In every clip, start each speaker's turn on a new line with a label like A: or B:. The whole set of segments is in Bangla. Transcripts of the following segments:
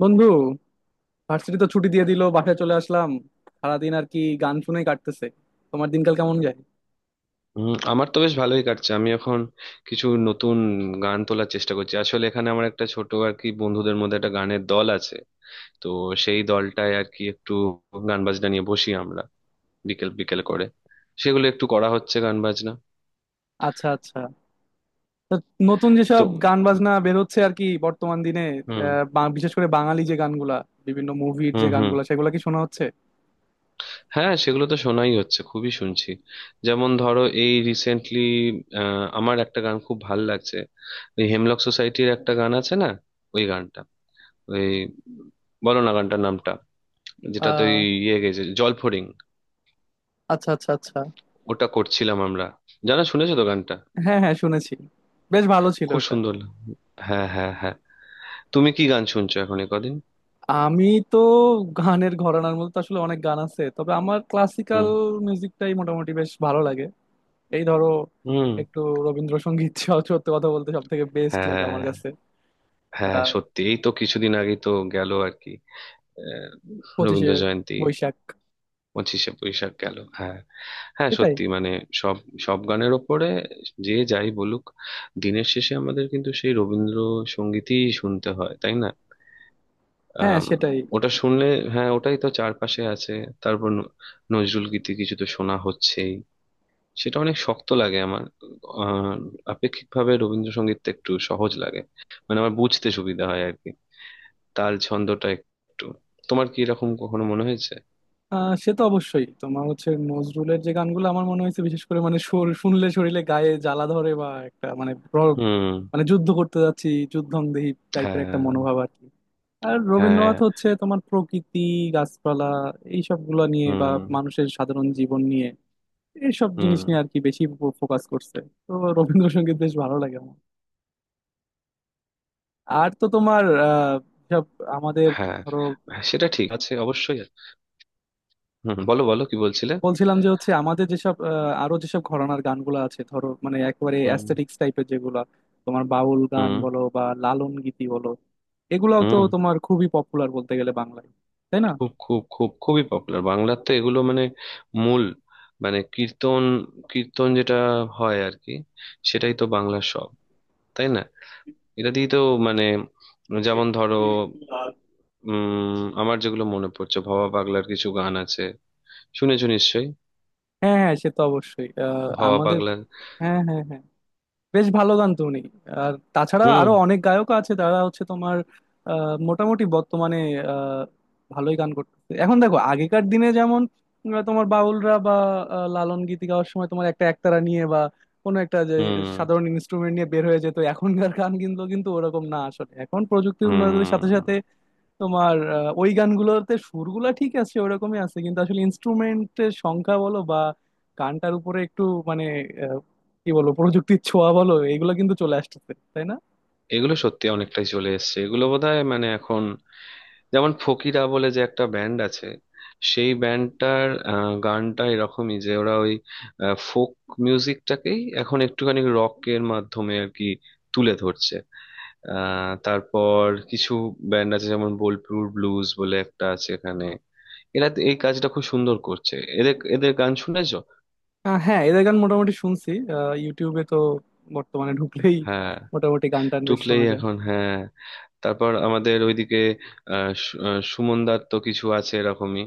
A: বন্ধু, ভার্সিটি তো ছুটি দিয়ে দিল। বাসায় চলে আসলাম। সারাদিন আর কি গান শুনেই কাটতেছে। তোমার দিনকাল কেমন যায়?
B: আমার তো বেশ ভালোই কাটছে। আমি এখন কিছু নতুন গান তোলার চেষ্টা করছি। আসলে এখানে আমার একটা ছোট আর কি বন্ধুদের মধ্যে একটা গানের দল আছে। তো সেই দলটায় আর কি একটু গান বাজনা নিয়ে বসি আমরা, বিকেল বিকেল করে। সেগুলো একটু করা হচ্ছে, গান বাজনা,
A: আচ্ছা, আচ্ছা। তো নতুন
B: তো।
A: যেসব গান বাজনা বের হচ্ছে আর কি বর্তমান দিনে।
B: হুম,
A: বিশেষ করে বাঙালি যে গানগুলা, বিভিন্ন মুভির
B: হুম,
A: যে
B: হুম।
A: গানগুলা সেগুলা কি শোনা হচ্ছে?
B: হ্যাঁ, সেগুলো তো শোনাই হচ্ছে, খুবই শুনছি। যেমন ধরো, এই রিসেন্টলি আমার একটা গান খুব ভাল লাগছে। ওই হেমলক সোসাইটির একটা গান আছে না, ওই গানটা, ওই, বলো না গানটার নামটা, যেটা তো ওই,
A: আহ
B: ইয়ে গেছে, জলফড়িং।
A: আচ্ছা, আচ্ছা, আচ্ছা।
B: ওটা করছিলাম আমরা। জানা শুনেছো তো গানটা,
A: হ্যাঁ, হ্যাঁ, শুনেছি। বেশ ভালো ছিল
B: খুব
A: ওটা।
B: সুন্দর হ্যাঁ, হ্যাঁ, হ্যাঁ। তুমি কি গান শুনছো এখন এ কদিন?
A: আমি তো, গানের ঘরানার মধ্যে তো আসলে অনেক গান আছে, তবে আমার ক্লাসিক্যাল
B: হুম,
A: মিউজিকটাই মোটামুটি বেশ ভালো লাগে। এই ধরো
B: হুম।
A: একটু রবীন্দ্রসঙ্গীত সত্যি কথা বলতে সব থেকে বেস্ট লাগে
B: হ্যাঁ,
A: আমার কাছে।
B: হ্যাঁ
A: আহ
B: সত্যি, এই তো কিছুদিন আগে তো গেল আর কি, আহ,
A: পঁচিশে
B: রবীন্দ্র জয়ন্তী,
A: বৈশাখ।
B: পঁচিশে বৈশাখ গেল। হ্যাঁ, হ্যাঁ
A: এটাই।
B: সত্যি মানে, সব সব গানের ওপরে, যে যাই বলুক, দিনের শেষে আমাদের কিন্তু সেই রবীন্দ্রসঙ্গীতই শুনতে হয়, তাই না?
A: হ্যাঁ,
B: আম,
A: সেটাই।
B: ওটা শুনলে, হ্যাঁ ওটাই তো চারপাশে আছে। তারপর নজরুল গীতি কিছু তো শোনা হচ্ছেই, সেটা অনেক শক্ত লাগে আমার। আহ, আপেক্ষিকভাবে রবীন্দ্রসঙ্গীতটা একটু সহজ লাগে, মানে আমার বুঝতে সুবিধা হয় আর কি, তাল ছন্দটা একটু। তোমার কি এরকম কখনো মনে হয়েছে?
A: সে তো অবশ্যই। তোমার হচ্ছে নজরুলের যে গানগুলো, আমার মনে হয়েছে বিশেষ করে মানে সুর শুনলে শরীরে গায়ে জ্বালা ধরে, বা একটা মানে
B: হুম।
A: মানে যুদ্ধ করতে যাচ্ছি, যুদ্ধংদেহী টাইপের একটা
B: হ্যাঁ।
A: মনোভাব আর কি। আর
B: হ্যাঁ।
A: রবীন্দ্রনাথ হচ্ছে তোমার প্রকৃতি, গাছপালা, এইসব গুলা নিয়ে, বা
B: হুম,
A: মানুষের সাধারণ জীবন নিয়ে, এইসব জিনিস নিয়ে
B: হুম।
A: আর কি বেশি ফোকাস করছে। তো রবীন্দ্রসঙ্গীত বেশ ভালো লাগে আমার। আর তো তোমার সব আমাদের
B: হ্যাঁ,
A: ধরো।
B: হ্যাঁ, সেটা ঠিক আছে, অবশ্যই আছে। হুম, বলো বলো কি বলছিলে।
A: বলছিলাম যে হচ্ছে আমাদের যেসব আরো যেসব ঘরানার গানগুলো আছে ধরো, মানে একেবারে
B: হুম,
A: অ্যাস্থেটিক্স টাইপের যেগুলা, তোমার বাউল গান
B: হুম,
A: বলো বা লালন গীতি বলো, এগুলাও তো
B: হুম।
A: তোমার খুবই পপুলার বলতে গেলে বাংলায়, তাই না?
B: খুব খুব খুব খুবই পপুলার, বাংলার তো এগুলো মানে মূল, মানে কীর্তন, কীর্তন যেটা হয় আর কি, সেটাই তো বাংলার সব, তাই না? এটা দিয়ে তো মানে, যেমন ধরো, আমার যেগুলো মনে পড়ছে, ভবা পাগলার কিছু গান আছে, শুনেছো নিশ্চয়ই।
A: হ্যাঁ, হ্যাঁ, সে তো অবশ্যই।
B: ভবা
A: আমাদের।
B: পাগলা।
A: হ্যাঁ, হ্যাঁ, হ্যাঁ। বেশ ভালো গান তো উনি। আর তাছাড়া
B: হুম,
A: আরো অনেক গায়ক আছে, তারা হচ্ছে তোমার মোটামুটি বর্তমানে আহ, ভালোই গান করতেছে। এখন দেখো, আগেকার দিনে যেমন তোমার বাউলরা, বা লালন গীতি গাওয়ার সময় তোমার একটা একতারা নিয়ে বা কোনো একটা যে
B: হুম,
A: সাধারণ ইনস্ট্রুমেন্ট নিয়ে বের হয়ে যেত, এখনকার গান কিন্তু কিন্তু ওরকম না আসলে। এখন প্রযুক্তির উন্নতির সাথে
B: হুম।
A: সাথে তোমার ওই গানগুলোতে সুরগুলা ঠিক আছে, ওরকমই আছে, কিন্তু আসলে ইনস্ট্রুমেন্টের সংখ্যা বলো বা গানটার উপরে একটু মানে আহ, কি বলবো, প্রযুক্তির ছোঁয়া বলো, এগুলো কিন্তু চলে আসতেছে, তাই না?
B: এগুলো সত্যি অনেকটাই চলে এসেছে, এগুলো বোধহয় মানে এখন, যেমন ফকিরা বলে যে একটা ব্যান্ড আছে, সেই ব্যান্ডটার গানটা এরকমই, যে ওরা ওই ফোক মিউজিকটাকেই এখন একটুখানি রকের মাধ্যমে আর কি তুলে ধরছে। তারপর কিছু ব্যান্ড আছে, যেমন বোলপুর ব্লুজ বলে একটা আছে এখানে, এরা তো এই কাজটা খুব সুন্দর করছে। এদের এদের গান শুনেছো?
A: হ্যাঁ, এদের গান মোটামুটি শুনছি। ইউটিউবে তো বর্তমানে ঢুকলেই
B: হ্যাঁ।
A: মোটামুটি গান টান বেশ
B: টুকলেই
A: শোনা যায়।
B: এখন, হ্যাঁ। তারপর আমাদের ওইদিকে সুমন দার তো কিছু আছে এরকমই,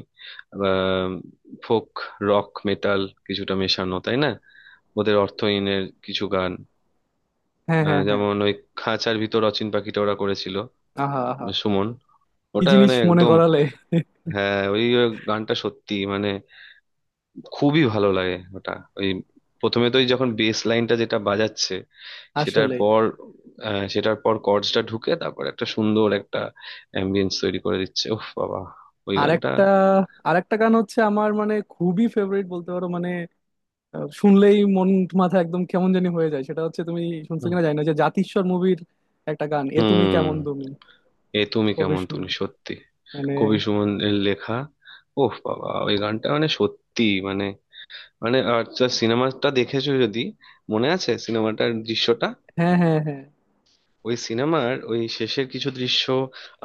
B: ফোক রক মেটাল কিছুটা মেশানো, তাই না? ওদের অর্থহীনের কিছু গান,
A: হ্যাঁ, হ্যাঁ, হ্যাঁ।
B: যেমন ওই খাঁচার ভিতর অচিন পাখিটা ওরা করেছিল,
A: আহা, আহা,
B: সুমন।
A: কি
B: ওটা
A: জিনিস
B: মানে
A: মনে
B: একদম।
A: করালে!
B: হ্যাঁ, ওই গানটা সত্যি মানে খুবই ভালো লাগে ওটা। ওই প্রথমে তো ওই যখন বেস লাইনটা যেটা বাজাচ্ছে, সেটার
A: আসলেই।
B: পর, সেটার পর কর্ডসটা ঢুকে, তারপর একটা সুন্দর একটা অ্যাম্বিয়েন্স তৈরি করে দিচ্ছে। ওহ বাবা, ওই গানটা।
A: আরেকটা আরেকটা গান হচ্ছে আমার মানে খুবই ফেভারিট বলতে পারো মানে শুনলেই মন মাথা একদম কেমন জানি হয়ে যায়। সেটা হচ্ছে, তুমি শুনছো
B: হুম।
A: কিনা জানি না, যে জাতিস্বর মুভির একটা গান, এ তুমি
B: হুম,
A: কেমন তুমি।
B: এ তুমি
A: কবে
B: কেমন
A: শুন
B: তুমি, সত্যি।
A: মানে
B: কবি সুমনের লেখা। ওহ বাবা ওই গানটা মানে সত্যি, মানে, মানে আর, সিনেমাটা দেখেছো যদি, মনে আছে সিনেমাটার দৃশ্যটা?
A: হ্যাঁ, হ্যাঁ, হ্যাঁ।
B: ওই সিনেমার ওই শেষের কিছু দৃশ্য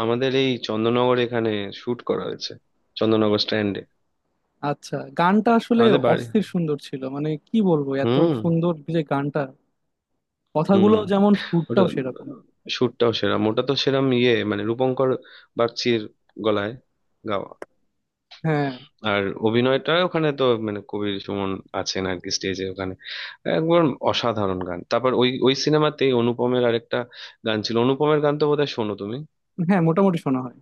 B: আমাদের এই চন্দননগর এখানে শুট করা হয়েছে, চন্দননগর স্ট্যান্ডে,
A: আচ্ছা, গানটা আসলে
B: আমাদের বাড়ি।
A: অস্থির সুন্দর ছিল, মানে কি বলবো, এত
B: হুম,
A: সুন্দর যে গানটা।
B: হুম।
A: কথাগুলো যেমন
B: ওটা
A: সুরটাও সেরকম।
B: শুটটাও সেরাম, ওটা তো সেরাম, ইয়ে মানে রূপঙ্কর বাগচির গলায় গাওয়া।
A: হ্যাঁ,
B: আর অভিনয়টা ওখানে তো মানে কবির সুমন আছেন আর কি, স্টেজে ওখানে একবার। অসাধারণ গান। তারপর ওই ওই সিনেমাতেই অনুপমের আরেকটা গান ছিল। অনুপমের গান তো বোধহয় শোনো তুমি।
A: হ্যাঁ, মোটামুটি শোনা হয়।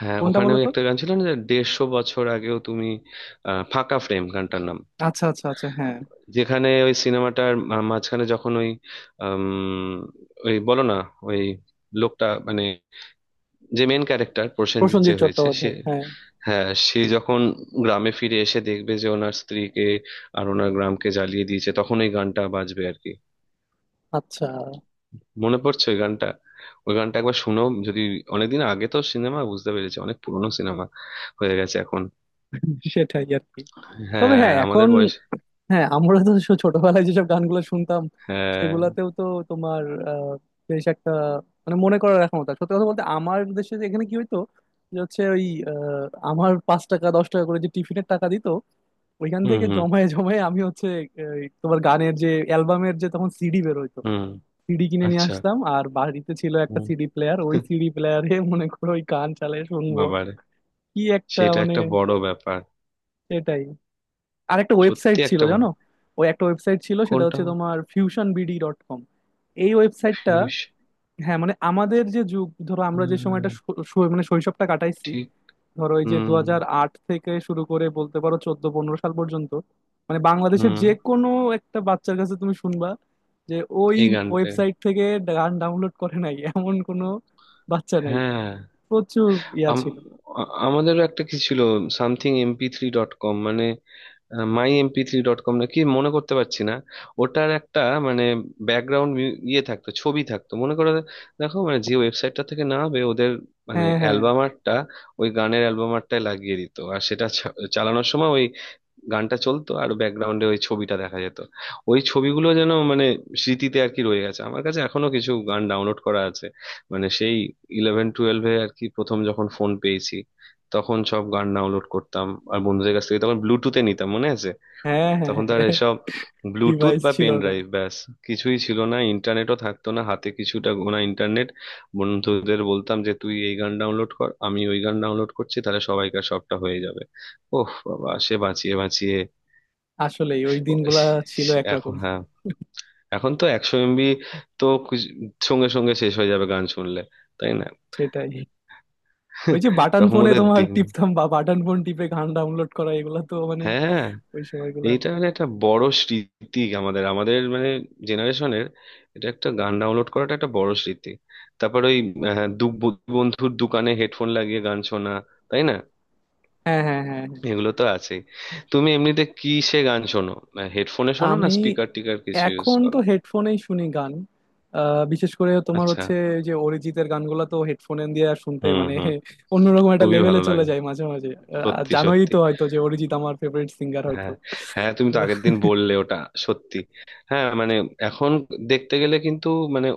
B: হ্যাঁ,
A: কোনটা
B: ওখানে
A: বলো
B: ওই
A: তো?
B: একটা গান ছিল না, যে দেড়শো বছর আগেও তুমি, ফাঁকা ফ্রেম গানটার নাম।
A: আচ্ছা, আচ্ছা, আচ্ছা, হ্যাঁ।
B: যেখানে ওই সিনেমাটার মাঝখানে যখন ওই, আম, ওই বলো না, ওই লোকটা মানে, যে মেন ক্যারেক্টার প্রসেনজিৎ যে
A: প্রসেনজিৎ
B: হয়েছে সে,
A: চট্টোপাধ্যায়, হ্যাঁ।
B: হ্যাঁ সে যখন গ্রামে ফিরে এসে দেখবে যে ওনার স্ত্রীকে আর ওনার গ্রামকে জ্বালিয়ে দিয়েছে, তখন ওই গানটা বাজবে আর কি।
A: আচ্ছা।
B: মনে পড়ছে ওই গানটা। ওই গানটা একবার শুনো যদি। অনেকদিন আগে তো সিনেমা, বুঝতে পেরেছি অনেক পুরনো সিনেমা হয়ে গেছে এখন।
A: সেটাই আর কি। তবে
B: হ্যাঁ,
A: হ্যাঁ,
B: আমাদের
A: এখন,
B: বয়সে।
A: হ্যাঁ, আমরা তো ছোটবেলায় যেসব গানগুলো শুনতাম,
B: হ্যাঁ।
A: সেগুলাতেও তো তোমার আহ, বেশ একটা মানে মনে করার রাখার মতো। সত্যি কথা বলতে, আমার দেশে যে এখানে কি হইতো, যে হচ্ছে ওই আহ, আমার 5 টাকা 10 টাকা করে যে টিফিনের টাকা দিত, ওইখান
B: হুম,
A: থেকে
B: হুম,
A: জমায়ে জমায়ে আমি হচ্ছে, এই, তোমার গানের যে অ্যালবামের যে তখন সিডি বের হইতো,
B: হুম।
A: সিডি কিনে নিয়ে
B: আচ্ছা।
A: আসতাম। আর বাড়িতে ছিল একটা
B: হুম।
A: সিডি প্লেয়ার, ওই সিডি প্লেয়ারে মনে করো ওই গান চালিয়ে শুনবো,
B: বাবারে,
A: কি একটা
B: সেটা
A: মানে!
B: একটা বড় ব্যাপার।
A: সেটাই। আরেকটা
B: সত্যি
A: ওয়েবসাইট ছিল,
B: একটা বড়।
A: জানো? ওই একটা ওয়েবসাইট ছিল, সেটা
B: কোনটা?
A: হচ্ছে তোমার fusionbd.com। এই ওয়েবসাইটটা।
B: ফিউজ।
A: হ্যাঁ, মানে আমাদের যে যুগ, ধরো, আমরা যে সময়টা শৈ- শৈ- মানে শৈশবটা কাটাইছি,
B: ঠিক।
A: ধরো এই যে দু
B: হুম,
A: হাজার আট থেকে শুরু করে বলতে পারো 14-15 সাল পর্যন্ত, মানে বাংলাদেশের
B: হুম।
A: যে কোনো একটা বাচ্চার কাছে তুমি শুনবা যে ওই
B: এই গানটা।
A: ওয়েবসাইট থেকে গান ডাউনলোড করে নাই এমন কোনো বাচ্চা নাই।
B: হ্যাঁ।
A: প্রচুর ইয়া
B: আম-
A: ছিল।
B: আমাদেরও একটা কি ছিল, সামথিং MP3 ডট কম, মানে মাই MP3 ডট কম, নাকি মনে করতে পারছি না। ওটার একটা মানে ব্যাকগ্রাউন্ড, ইয়ে থাকতো, ছবি থাকতো, মনে করে দেখো, মানে যে ওয়েবসাইটটা থেকে নামাবে ওদের মানে
A: হ্যাঁ, হ্যাঁ,
B: অ্যালবাম আর্টটা, ওই গানের অ্যালবাম আর্টটায় লাগিয়ে দিত, আর সেটা চালানোর সময় ওই গানটা চলতো আর ব্যাকগ্রাউন্ডে ওই ছবিটা দেখা যেত। ওই ছবিগুলো যেন মানে স্মৃতিতে আর কি রয়ে গেছে। আমার কাছে এখনো কিছু গান ডাউনলোড করা আছে মানে, সেই ইলেভেন টুয়েলভে আর কি প্রথম যখন ফোন পেয়েছি তখন সব গান ডাউনলোড করতাম। আর বন্ধুদের কাছ থেকে তখন ব্লুটুথে নিতাম, মনে আছে।
A: হ্যাঁ, হ্যাঁ।
B: তখন তো আর এসব ব্লুটুথ
A: ডিভাইস
B: বা
A: ছিল
B: পেন
A: না।
B: ড্রাইভ ব্যাস কিছুই ছিল না। ইন্টারনেটও থাকতো না হাতে, কিছুটা গোনা ইন্টারনেট। বন্ধুদের বলতাম যে, তুই এই গান ডাউনলোড কর, আমি ওই গান ডাউনলোড করছি, তাহলে সবাইকার সবটা হয়ে যাবে। ওহ বাবা, সে বাঁচিয়ে বাঁচিয়ে
A: আসলেই, ওই
B: তো।
A: দিনগুলা
B: সে-
A: ছিল
B: সে- এখন
A: একরকম।
B: হ্যাঁ, এখন তো 100 এমবি তো কিছু- সঙ্গে সঙ্গে শেষ হয়ে যাবে গান শুনলে, তাই না?
A: সেটাই। ওই যে বাটন
B: তখন
A: ফোনে
B: ওদের
A: তোমার
B: দিন।
A: টিপতাম, বা বাটন ফোন টিপে গান ডাউনলোড করা, এগুলা তো মানে,
B: হ্যাঁ, হ্যাঁ,
A: ওই সময়গুলা।
B: এইটা মানে একটা বড় স্মৃতি আমাদের, আমাদের মানে জেনারেশনের, এটা, একটা গান ডাউনলোড করাটা একটা বড় স্মৃতি। তারপর ওই দু বন্ধুর দোকানে হেডফোন লাগিয়ে গান শোনা, তাই না?
A: হ্যাঁ, হ্যাঁ, হ্যাঁ, হ্যাঁ।
B: এগুলো তো আছে। তুমি এমনিতে কিসে গান শোনো? হেডফোনে শোনো, না
A: আমি
B: স্পিকার টিকার কিছু ইউজ
A: এখন তো
B: করো?
A: হেডফোনেই শুনি গান। বিশেষ করে তোমার
B: আচ্ছা।
A: হচ্ছে ওই যে অরিজিতের গানগুলা তো হেডফোনে দিয়ে আর শুনতে
B: হুম,
A: মানে
B: হুম।
A: অন্যরকম একটা
B: খুবই
A: লেভেলে
B: ভালো
A: চলে
B: লাগে।
A: যায় মাঝে মাঝে।
B: সত্যি
A: জানোই
B: সত্যি।
A: তো হয়তো যে অরিজিৎ আমার ফেভারিট সিঙ্গার হয়তো
B: হ্যাঁ, হ্যাঁ তুমি
A: তো।
B: তো আগের দিন বললে ওটা, সত্যি। হ্যাঁ মানে এখন দেখতে গেলে কিন্তু মানে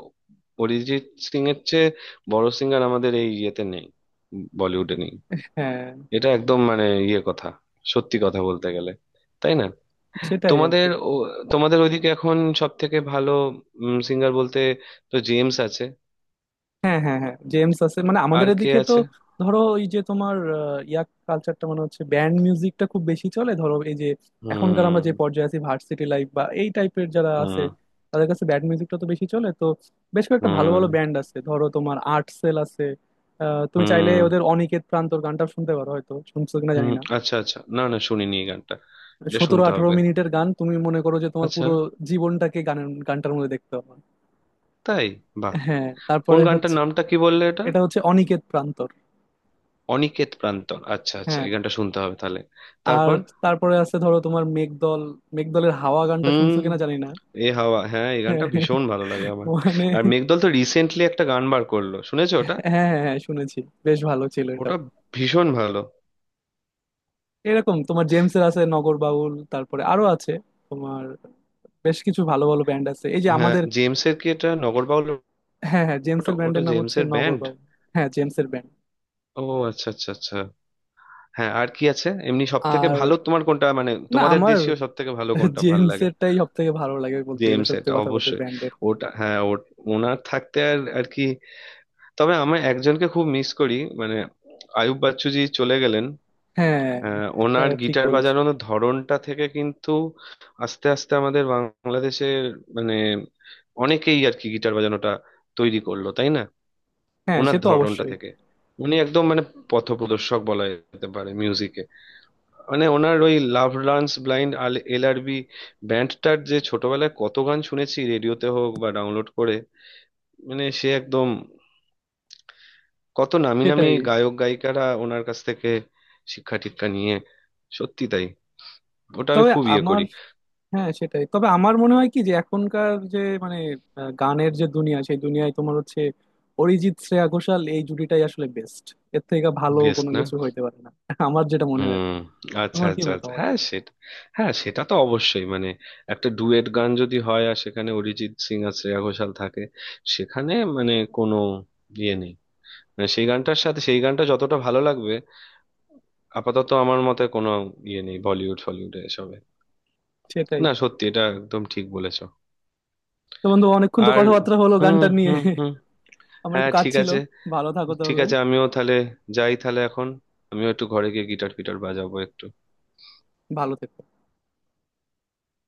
B: অরিজিৎ সিং এর চেয়ে বড় সিঙ্গার আমাদের এই ইয়েতে নেই, বলিউডে নেই।
A: হ্যাঁ,
B: এটা একদম মানে ইয়ে কথা, সত্যি কথা বলতে গেলে, তাই না?
A: সেটাই আর
B: তোমাদের
A: কি।
B: ও- তোমাদের ওইদিকে এখন সব থেকে ভালো সিঙ্গার বলতে তো জেমস আছে,
A: হ্যাঁ, হ্যাঁ, হ্যাঁ, জেমস আছে মানে আমাদের
B: আর কে
A: এদিকে তো।
B: আছে?
A: ধরো এই যে তোমার ইয়াক কালচারটা মানে হচ্ছে ব্যান্ড মিউজিকটা খুব বেশি চলে, ধরো এই যে এখনকার আমরা যে
B: হুম,
A: পর্যায়ে আছি, ভার্সিটি লাইফ বা এই টাইপের যারা আছে,
B: হুম,
A: তাদের কাছে ব্যান্ড মিউজিকটা তো বেশি চলে। তো বেশ কয়েকটা ভালো
B: হুম,
A: ভালো ব্যান্ড আছে, ধরো তোমার আর্ট সেল আছে। তুমি চাইলে
B: হুম,
A: ওদের অনিকেত প্রান্তর গানটা শুনতে পারো, হয়তো শুনছো কিনা
B: হুম।
A: জানি না।
B: আচ্ছা, আচ্ছা, না না শুনিনি এই গানটা, এটা
A: সতেরো
B: শুনতে
A: আঠারো
B: হবে।
A: মিনিটের গান, তুমি মনে করো যে তোমার
B: আচ্ছা।
A: পুরো জীবনটাকে গানের গানটার মধ্যে দেখতে পাবো।
B: তাই? বাহ।
A: হ্যাঁ।
B: কোন
A: তারপরে
B: গানটার,
A: হচ্ছে,
B: নামটা কি বললে এটা?
A: এটা হচ্ছে অনিকেত প্রান্তর।
B: অনিকেত প্রান্তন, আচ্ছা আচ্ছা,
A: হ্যাঁ।
B: এই গানটা শুনতে হবে তাহলে।
A: আর,
B: তারপর?
A: তারপরে আছে ধরো তোমার মেঘদল। মেঘদলের হাওয়া গানটা
B: হুম।
A: শুনছো কিনা জানি না,
B: এ হাওয়া, হ্যাঁ এই গানটা ভীষণ ভালো লাগে আমার।
A: মানে।
B: আর মেঘদল তো রিসেন্টলি একটা গান বার করলো, শুনেছো ওটা?
A: হ্যাঁ, হ্যাঁ, হ্যাঁ, শুনেছি। বেশ ভালো ছিল এটাও।
B: ওটা ভীষণ ভালো।
A: এরকম তোমার জেমসের আছে নগর বাউল, তারপরে আরো আছে তোমার বেশ কিছু ভালো ভালো ব্যান্ড আছে এই যে
B: হ্যাঁ
A: আমাদের।
B: জেমসের কি এটা নগরবাউল?
A: হ্যাঁ, হ্যাঁ,
B: ওটা,
A: জেমসের
B: ওটা
A: ব্যান্ডের নাম হচ্ছে
B: জেমসের
A: নগর
B: ব্যান্ড?
A: বাউল। হ্যাঁ, জেমসের ব্যান্ড।
B: ও, আচ্ছা আচ্ছা আচ্ছা। হ্যাঁ, আর কি আছে এমনি সব থেকে
A: আর,
B: ভালো, তোমার কোনটা মানে
A: না,
B: তোমাদের
A: আমার
B: দেশীয় সব থেকে ভালো কোনটা ভাল লাগে?
A: জেমসেরটাই সব থেকে ভালো লাগে বলতে গেলে,
B: জেমস
A: সত্যি
B: এটা
A: কথা বলতে,
B: অবশ্যই।
A: ব্যান্ডের।
B: ওটা হ্যাঁ, ওনার থাকতে আর আর কি। তবে আমি একজনকে খুব মিস করি মানে, আয়ুব বাচ্চু জি চলে গেলেন।
A: হ্যাঁ, এটা
B: ওনার
A: ঠিক
B: গিটার
A: বলেছো।
B: বাজানোর ধরনটা থেকে কিন্তু আস্তে আস্তে আমাদের বাংলাদেশের মানে অনেকেই আর কি গিটার বাজানোটা তৈরি করলো, তাই না?
A: হ্যাঁ, সে
B: ওনার
A: তো
B: ধরনটা
A: অবশ্যই।
B: থেকে। উনি একদম মানে পথপ্রদর্শক বলা যেতে পারে মিউজিকে। মানে ওনার ওই লাভ লার্নস ব্লাইন্ড, LRB ব্যান্ডটার, যে ছোটবেলায় কত গান শুনেছি রেডিওতে হোক বা ডাউনলোড করে। মানে সে একদম, কত নামি নামি
A: সেটাই।
B: গায়ক গায়িকারা ওনার কাছ থেকে শিক্ষা টিক্ষা নিয়ে, সত্যি তাই। ওটা আমি
A: তবে
B: খুব ইয়ে
A: আমার,
B: করি।
A: হ্যাঁ সেটাই, তবে আমার মনে হয় কি, যে এখনকার যে মানে গানের যে দুনিয়া, সেই দুনিয়ায় তোমার হচ্ছে অরিজিৎ শ্রেয়া ঘোষাল এই জুটিটাই আসলে বেস্ট। এর থেকে ভালো
B: বেস্ট
A: কোনো
B: না?
A: কিছু হইতে পারে না আমার যেটা মনে হয়।
B: হুম। আচ্ছা
A: তোমার কি
B: আচ্ছা আচ্ছা,
A: মতামত?
B: হ্যাঁ সেটা। হ্যাঁ সেটা তো অবশ্যই মানে, একটা ডুয়েট গান যদি হয় আর সেখানে অরিজিৎ সিং আর শ্রেয়া ঘোষাল থাকে, সেখানে মানে কোনো ইয়ে নেই, মানে সেই গানটার সাথে, সেই গানটা যতটা ভালো লাগবে, আপাতত আমার মতে কোনো ইয়ে নেই বলিউড ফলিউডে এসবে।
A: সেটাই।
B: না সত্যি, এটা একদম ঠিক বলেছো।
A: তো বন্ধু, অনেকক্ষণ তো
B: আর,
A: কথাবার্তা হলো
B: হুম,
A: গানটা নিয়ে
B: হুম, হুম।
A: আমার
B: হ্যাঁ
A: একটু কাজ
B: ঠিক
A: ছিল।
B: আছে।
A: ভালো থাকো
B: ঠিক
A: তাহলে।
B: আছে, আমিও তাহলে, যাই তাহলে এখন, আমিও একটু ঘরে গিয়ে গিটার ফিটার বাজাবো একটু।
A: ভালো থেকো।